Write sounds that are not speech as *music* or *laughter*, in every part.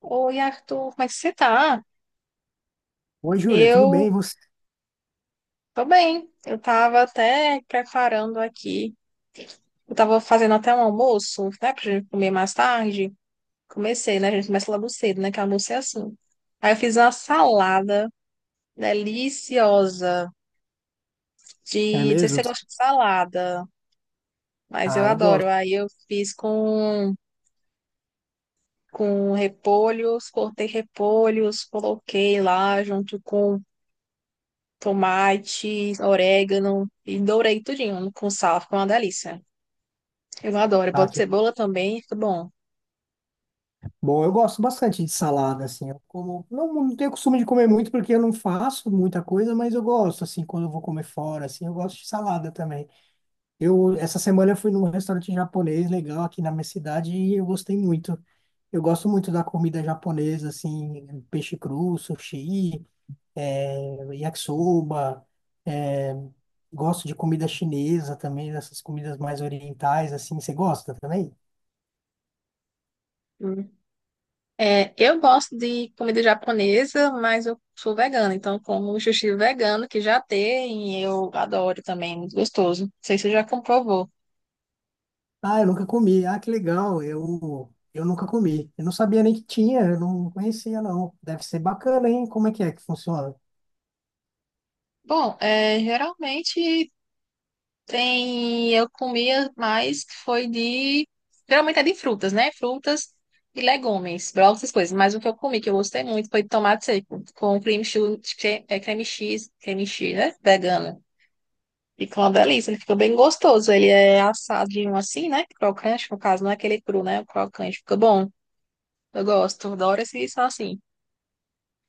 Oi, Arthur, como é que você tá? Oi, Júlia, tudo Eu bem? E você? tô bem. Eu tava até preparando aqui. Eu tava fazendo até um almoço, né, pra gente comer mais tarde. Comecei, né? A gente começa logo cedo, né? Que almoço é assim. Aí eu fiz uma salada deliciosa É de... Não sei se mesmo? você gosta de salada, mas eu Ah, eu adoro. gosto, Aí eu fiz com repolhos, cortei repolhos, coloquei lá junto com tomate, orégano e dourei tudinho com sal, fica uma delícia. Eu adoro, eu tá? boto cebola também, fica bom. Bom, eu gosto bastante de salada, assim. Eu como, não tenho costume de comer muito porque eu não faço muita coisa, mas eu gosto, assim, quando eu vou comer fora, assim, eu gosto de salada também. Essa semana eu fui num restaurante japonês legal aqui na minha cidade e eu gostei muito. Eu gosto muito da comida japonesa, assim, peixe cru, sushi, yakisoba, eh, gosto de comida chinesa também, dessas comidas mais orientais, assim. Você gosta também? Hum. É, eu gosto de comida japonesa, mas eu sou vegana, então como sushi vegano que já tem, eu adoro também, é muito gostoso. Não sei se você já comprovou. Ah, eu nunca comi. Ah, que legal. Eu nunca comi. Eu não sabia nem que tinha, eu não conhecia, não. Deve ser bacana, hein? Como é que funciona? Bom, é, geralmente, tem, eu comia mais, foi de. Geralmente é de frutas, né? Frutas e legumes, brócolis, essas coisas. Mas o que eu comi, que eu gostei muito, foi de tomate seco, com creme cheese, né? Vegana. Ficou uma delícia, ele ficou bem gostoso. Ele é assadinho assim, né? Crocante, no caso, não é aquele cru, né? O crocante, fica bom. Eu gosto, adoro esse isso assim.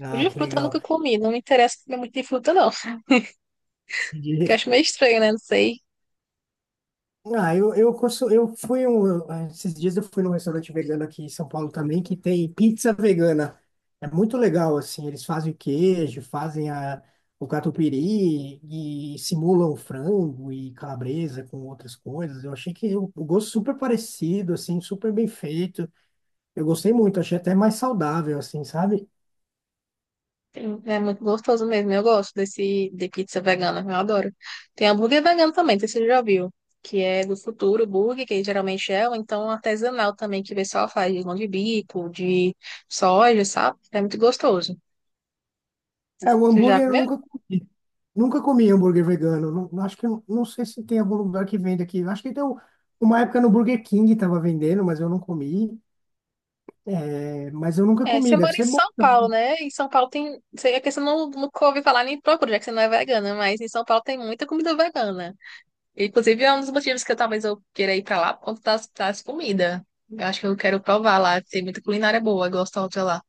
Ah, De que fruta eu nunca legal. comi, não me interessa comer muito de fruta, não. *laughs* Que eu Entendi. acho meio estranho, né? Não sei. Ah, eu, consu- eu fui um. Esses dias eu fui num restaurante vegano aqui em São Paulo também, que tem pizza vegana. É muito legal, assim. Eles fazem o queijo, fazem o catupiry e simulam frango e calabresa com outras coisas. Eu achei que o gosto super parecido, assim, super bem feito. Eu gostei muito, achei até mais saudável, assim, sabe? Sim, é muito gostoso mesmo. Eu gosto desse de pizza vegana, eu adoro. Tem hambúrguer vegano também, não sei se você já viu, que é do futuro burger, que geralmente é, ou então artesanal também, que o pessoal faz de mão de bico, de soja, sabe? É muito gostoso. É, o Você já hambúrguer eu comeu? nunca comi. Nunca comi hambúrguer vegano. Acho que não, não sei se tem algum lugar que vende aqui. Acho que tem um- Uma época no Burger King tava vendendo, mas eu não comi. É, mas eu nunca É, comi, você deve mora em ser bom São Paulo, também. né? Em São Paulo tem. É que você não, nunca ouviu falar nem procura, já que você não é vegana, mas em São Paulo tem muita comida vegana. Inclusive, é um dos motivos que eu, talvez eu queira ir pra lá por conta das comidas. Eu acho que eu quero provar lá. Tem muita culinária boa, gosto da outra lá.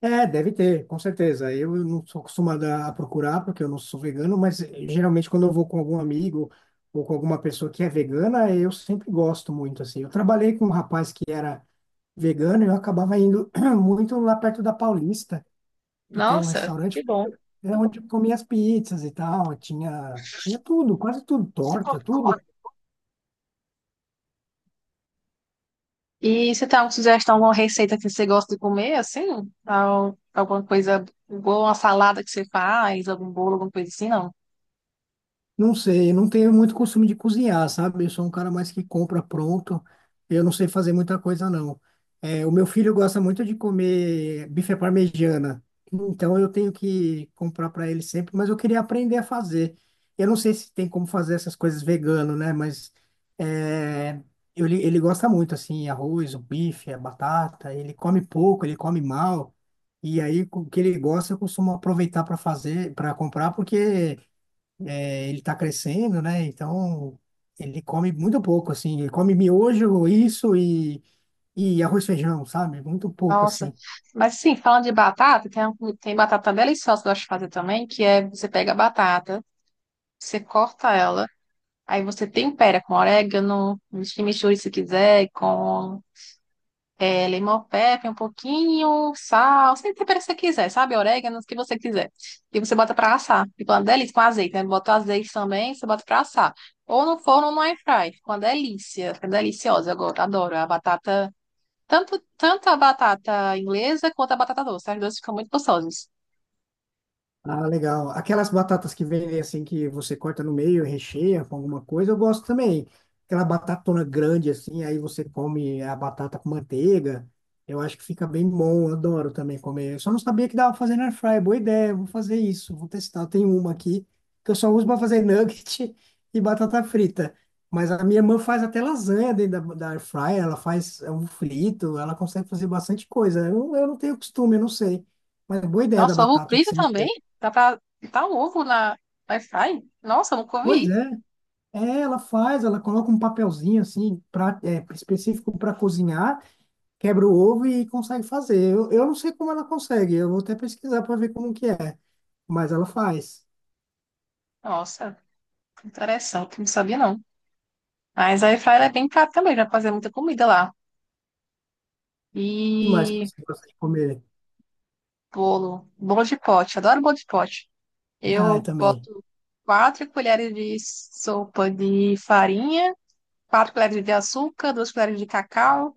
É, deve ter, com certeza. Eu não sou acostumado a procurar, porque eu não sou vegano, mas geralmente quando eu vou com algum amigo ou com alguma pessoa que é vegana, eu sempre gosto muito, assim. Eu trabalhei com um rapaz que era vegano e eu acabava indo *clears throat* muito lá perto da Paulista, que tem um Nossa, restaurante, que bom. é onde eu comia as pizzas e tal, tinha tudo, quase tudo, torta, tudo. E você tem alguma sugestão, alguma receita que você gosta de comer, assim? Alguma coisa boa, uma salada que você faz, algum bolo, alguma coisa assim, não? Não sei, eu não tenho muito costume de cozinhar, sabe? Eu sou um cara mais que compra pronto. Eu não sei fazer muita coisa, não. É, o meu filho gosta muito de comer bife à parmegiana. Então eu tenho que comprar para ele sempre, mas eu queria aprender a fazer. Eu não sei se tem como fazer essas coisas vegano, né? Mas é, ele gosta muito, assim, arroz, o bife, a batata. Ele come pouco, ele come mal. E aí, com o que ele gosta, eu costumo aproveitar para fazer, para comprar, porque é, ele está crescendo, né? Então ele come muito pouco, assim. Ele come miojo, isso e arroz e feijão, sabe? Muito pouco, Nossa. assim. Mas, assim, falando de batata, tem batata deliciosa que eu gosto de fazer também, que é você pega a batata, você corta ela, aí você tempera com orégano, chimichurri se quiser, com é, limão pepper um pouquinho, sal, você tempera se você quiser, sabe? Orégano, o que você quiser. E você bota pra assar. Fica uma delícia com azeite, né? Bota o azeite também, você bota pra assar. Ou no forno ou no air fry. Fica uma delícia, fica deliciosa. Eu adoro a batata, tanto a batata inglesa quanto a batata doce. As duas ficam muito gostosas. Ah, legal. Aquelas batatas que vendem assim, que você corta no meio e recheia com alguma coisa, eu gosto também. Aquela batatona grande assim, aí você come a batata com manteiga. Eu acho que fica bem bom, eu adoro também comer. Eu só não sabia que dava pra fazer na air fryer. Boa ideia, vou fazer isso, vou testar. Eu tenho uma aqui que eu só uso para fazer nugget *laughs* e batata frita. Mas a minha irmã faz até lasanha dentro da air fryer, ela faz ovo frito, ela consegue fazer bastante coisa. Eu não tenho costume, eu não sei. Mas boa ideia da Nossa, ovo batata que frito você me também? deu. Dá pra botar o ovo na no air fry? Nossa, eu nunca Pois vi. é, é, ela faz, ela coloca um papelzinho assim, específico para cozinhar, quebra o ovo e consegue fazer. Eu não sei como ela consegue, eu vou até pesquisar para ver como que é, mas ela faz. Nossa. Interessante, não sabia não. Mas a air é bem prática também, já fazer muita comida lá. E mais que E você gosta de comer? bolo de pote, adoro bolo de pote. Ah, Eu eu também. boto 4 colheres de sopa de farinha, 4 colheres de açúcar, 2 colheres de cacau,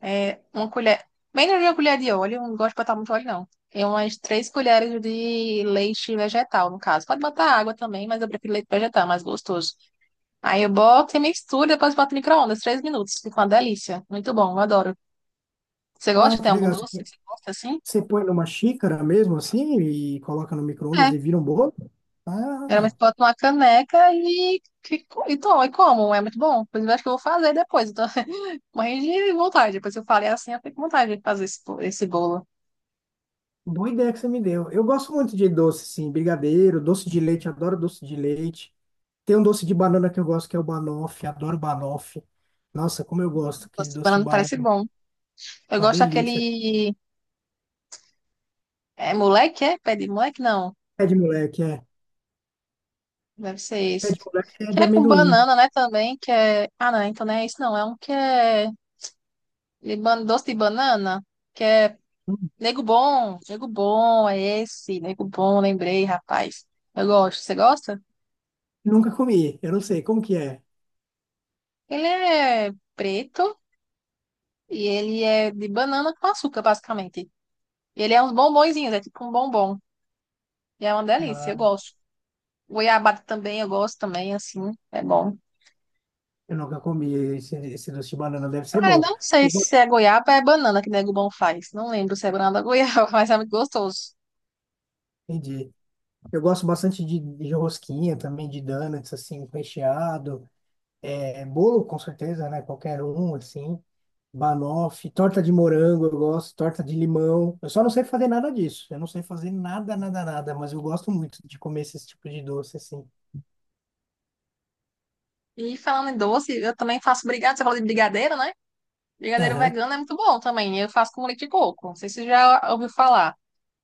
é, uma colher, menos de uma colher de óleo, eu não gosto de botar muito óleo não. E umas 3 colheres de leite vegetal, no caso. Pode botar água também, mas eu prefiro leite vegetal, é mais gostoso. Aí eu boto e misturo, depois boto no micro-ondas, 3 minutos. Fica uma delícia. Muito bom, eu adoro. Você Ah, gosta? Tem que algum legal. Doce que você gosta assim? Você põe numa xícara mesmo assim e coloca no micro-ondas É. e vira um bolo? Ah, Geralmente boto numa caneca e tomo, e como. É muito bom. Inclusive, acho que eu vou fazer depois. Eu tô *laughs* morrendo de vontade. Depois que eu falei assim, eu fico com vontade de fazer esse bolo. boa ideia que você me deu. Eu gosto muito de doce, sim, brigadeiro, doce de leite, adoro doce de leite. Tem um doce de banana que eu gosto, que é o banoffee. Adoro banoffee. Nossa, como eu gosto. Aquele Doce de doce de banana parece banana. bom. Eu Uma gosto delícia. daquele. É moleque, é? Pé de moleque? Não. Pé de moleque, é. Deve ser Pé de esse. moleque é Que de é com amendoim. banana, né? Também, que é. Ah, não, então não é isso, não. É um que é. Doce de banana que é Hum, Nego bom. Nego bom, é esse. Nego bom, lembrei, rapaz. Eu gosto, você gosta? Nunca comi. Eu não sei como que é. Ele é preto e ele é de banana com açúcar, basicamente. E ele é uns bombonzinhos, é tipo um bombom. E é uma delícia, eu Ah, gosto. Goiabada também, eu gosto também, assim, é bom. eu nunca comi esse doce de banana. Deve ser Ah, eu bom. não sei Eu se gosto, é goiaba ou é banana que nego bom faz. Não lembro se é banana ou goiaba, *laughs* mas é muito gostoso. entendi. Eu gosto bastante de rosquinha também, de donuts, assim, recheado. É, bolo, com certeza, né? Qualquer um, assim. Banoffee, torta de morango, eu gosto, torta de limão. Eu só não sei fazer nada disso. Eu não sei fazer nada, nada, nada, mas eu gosto muito de comer esse tipo de doce assim. E falando em doce, eu também faço brigadeiro, você falou de brigadeiro, né? Brigadeiro Aham. vegano é muito bom também. Eu faço com leite de coco. Não sei se você já ouviu falar.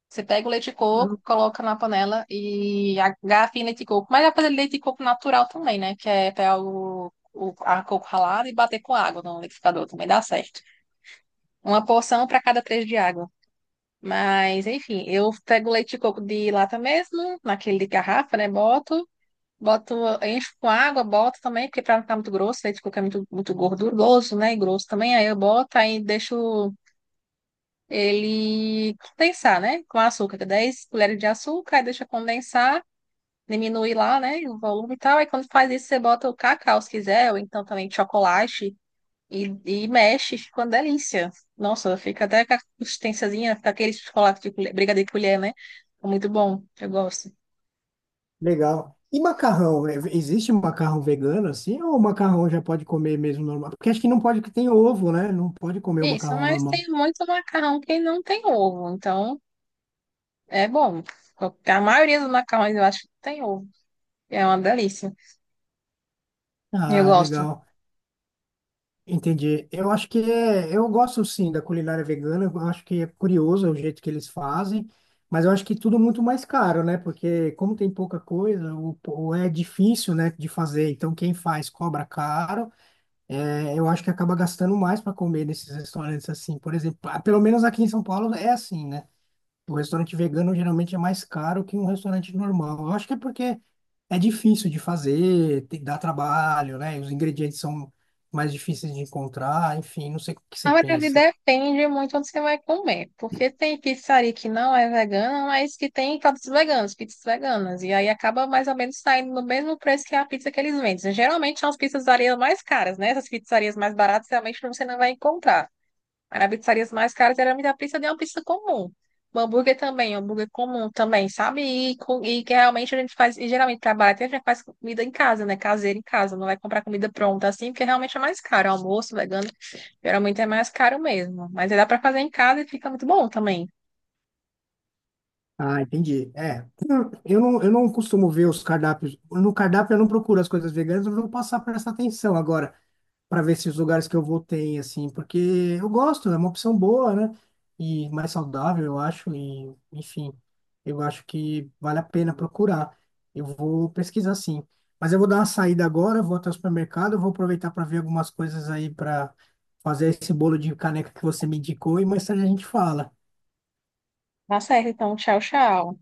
Você pega o leite de coco, Não. coloca na panela e agafa em leite de coco. Mas dá pra fazer leite de coco natural também, né? Que é pegar o a coco ralado e bater com água no liquidificador. Também dá certo. Uma porção para cada três de água. Mas, enfim, eu pego o leite de coco de lata mesmo, naquele de garrafa, né? Boto, encho com água, boto também, porque pra não ficar muito grosso, leite de coco é muito, muito gorduroso, né? E grosso também. Aí eu boto, aí deixo ele condensar, né? Com açúcar, 10 colheres de açúcar, aí deixa condensar, diminui lá, né? O volume e tal. Aí quando faz isso, você bota o cacau, se quiser, ou então também chocolate, e mexe, fica uma delícia. Nossa, fica até com a consistênciazinha, fica aquele chocolate de colher, brigadeiro de colher, né? É muito bom, eu gosto. Legal. E macarrão? É, existe macarrão vegano assim? Ou macarrão já pode comer mesmo normal? Porque acho que não pode que tem ovo, né? Não pode comer o Isso, macarrão mas normal. tem muito macarrão que não tem ovo, então é bom. A maioria dos macarrões eu acho que tem ovo, é uma delícia. Eu Ah, gosto. legal. Entendi. Eu acho que é, eu gosto sim da culinária vegana, eu acho que é curioso o jeito que eles fazem, mas eu acho que tudo muito mais caro, né? Porque como tem pouca coisa, ou é difícil, né, de fazer, então quem faz cobra caro, é, eu acho que acaba gastando mais para comer nesses restaurantes assim. Por exemplo, ah, pelo menos aqui em São Paulo é assim, né? O restaurante vegano geralmente é mais caro que um restaurante normal. Eu acho que é porque é difícil de fazer, dá trabalho, né? Os ingredientes são mais difíceis de encontrar, enfim, não sei o que você Na verdade, pensa. depende muito onde você vai comer, porque tem pizzaria que não é vegana, mas que tem produtos veganos, pizzas veganas, e aí acaba mais ou menos saindo no mesmo preço que a pizza que eles vendem. Geralmente são as pizzarias mais caras, né? Essas pizzarias mais baratas realmente você não vai encontrar. Mas as pizzarias mais caras geralmente a pizza é uma pizza comum. O hambúrguer também, o hambúrguer comum também, sabe? E, e que realmente a gente faz, e geralmente para barato a gente faz comida em casa, né? Caseira em casa, não vai comprar comida pronta assim, porque realmente é mais caro, almoço vegano, geralmente é mais caro mesmo, mas aí dá para fazer em casa e fica muito bom também. Ah, entendi. É, eu não costumo ver os cardápios. No cardápio eu não procuro as coisas veganas, eu vou passar a prestar atenção agora, para ver se os lugares que eu vou tem, assim, porque eu gosto, é uma opção boa, né? E mais saudável, eu acho, e enfim, eu acho que vale a pena procurar. Eu vou pesquisar sim. Mas eu vou dar uma saída agora, vou até o supermercado, vou aproveitar para ver algumas coisas aí para fazer esse bolo de caneca que você me indicou e mais tarde a gente fala. Tá certo, então, tchau, tchau.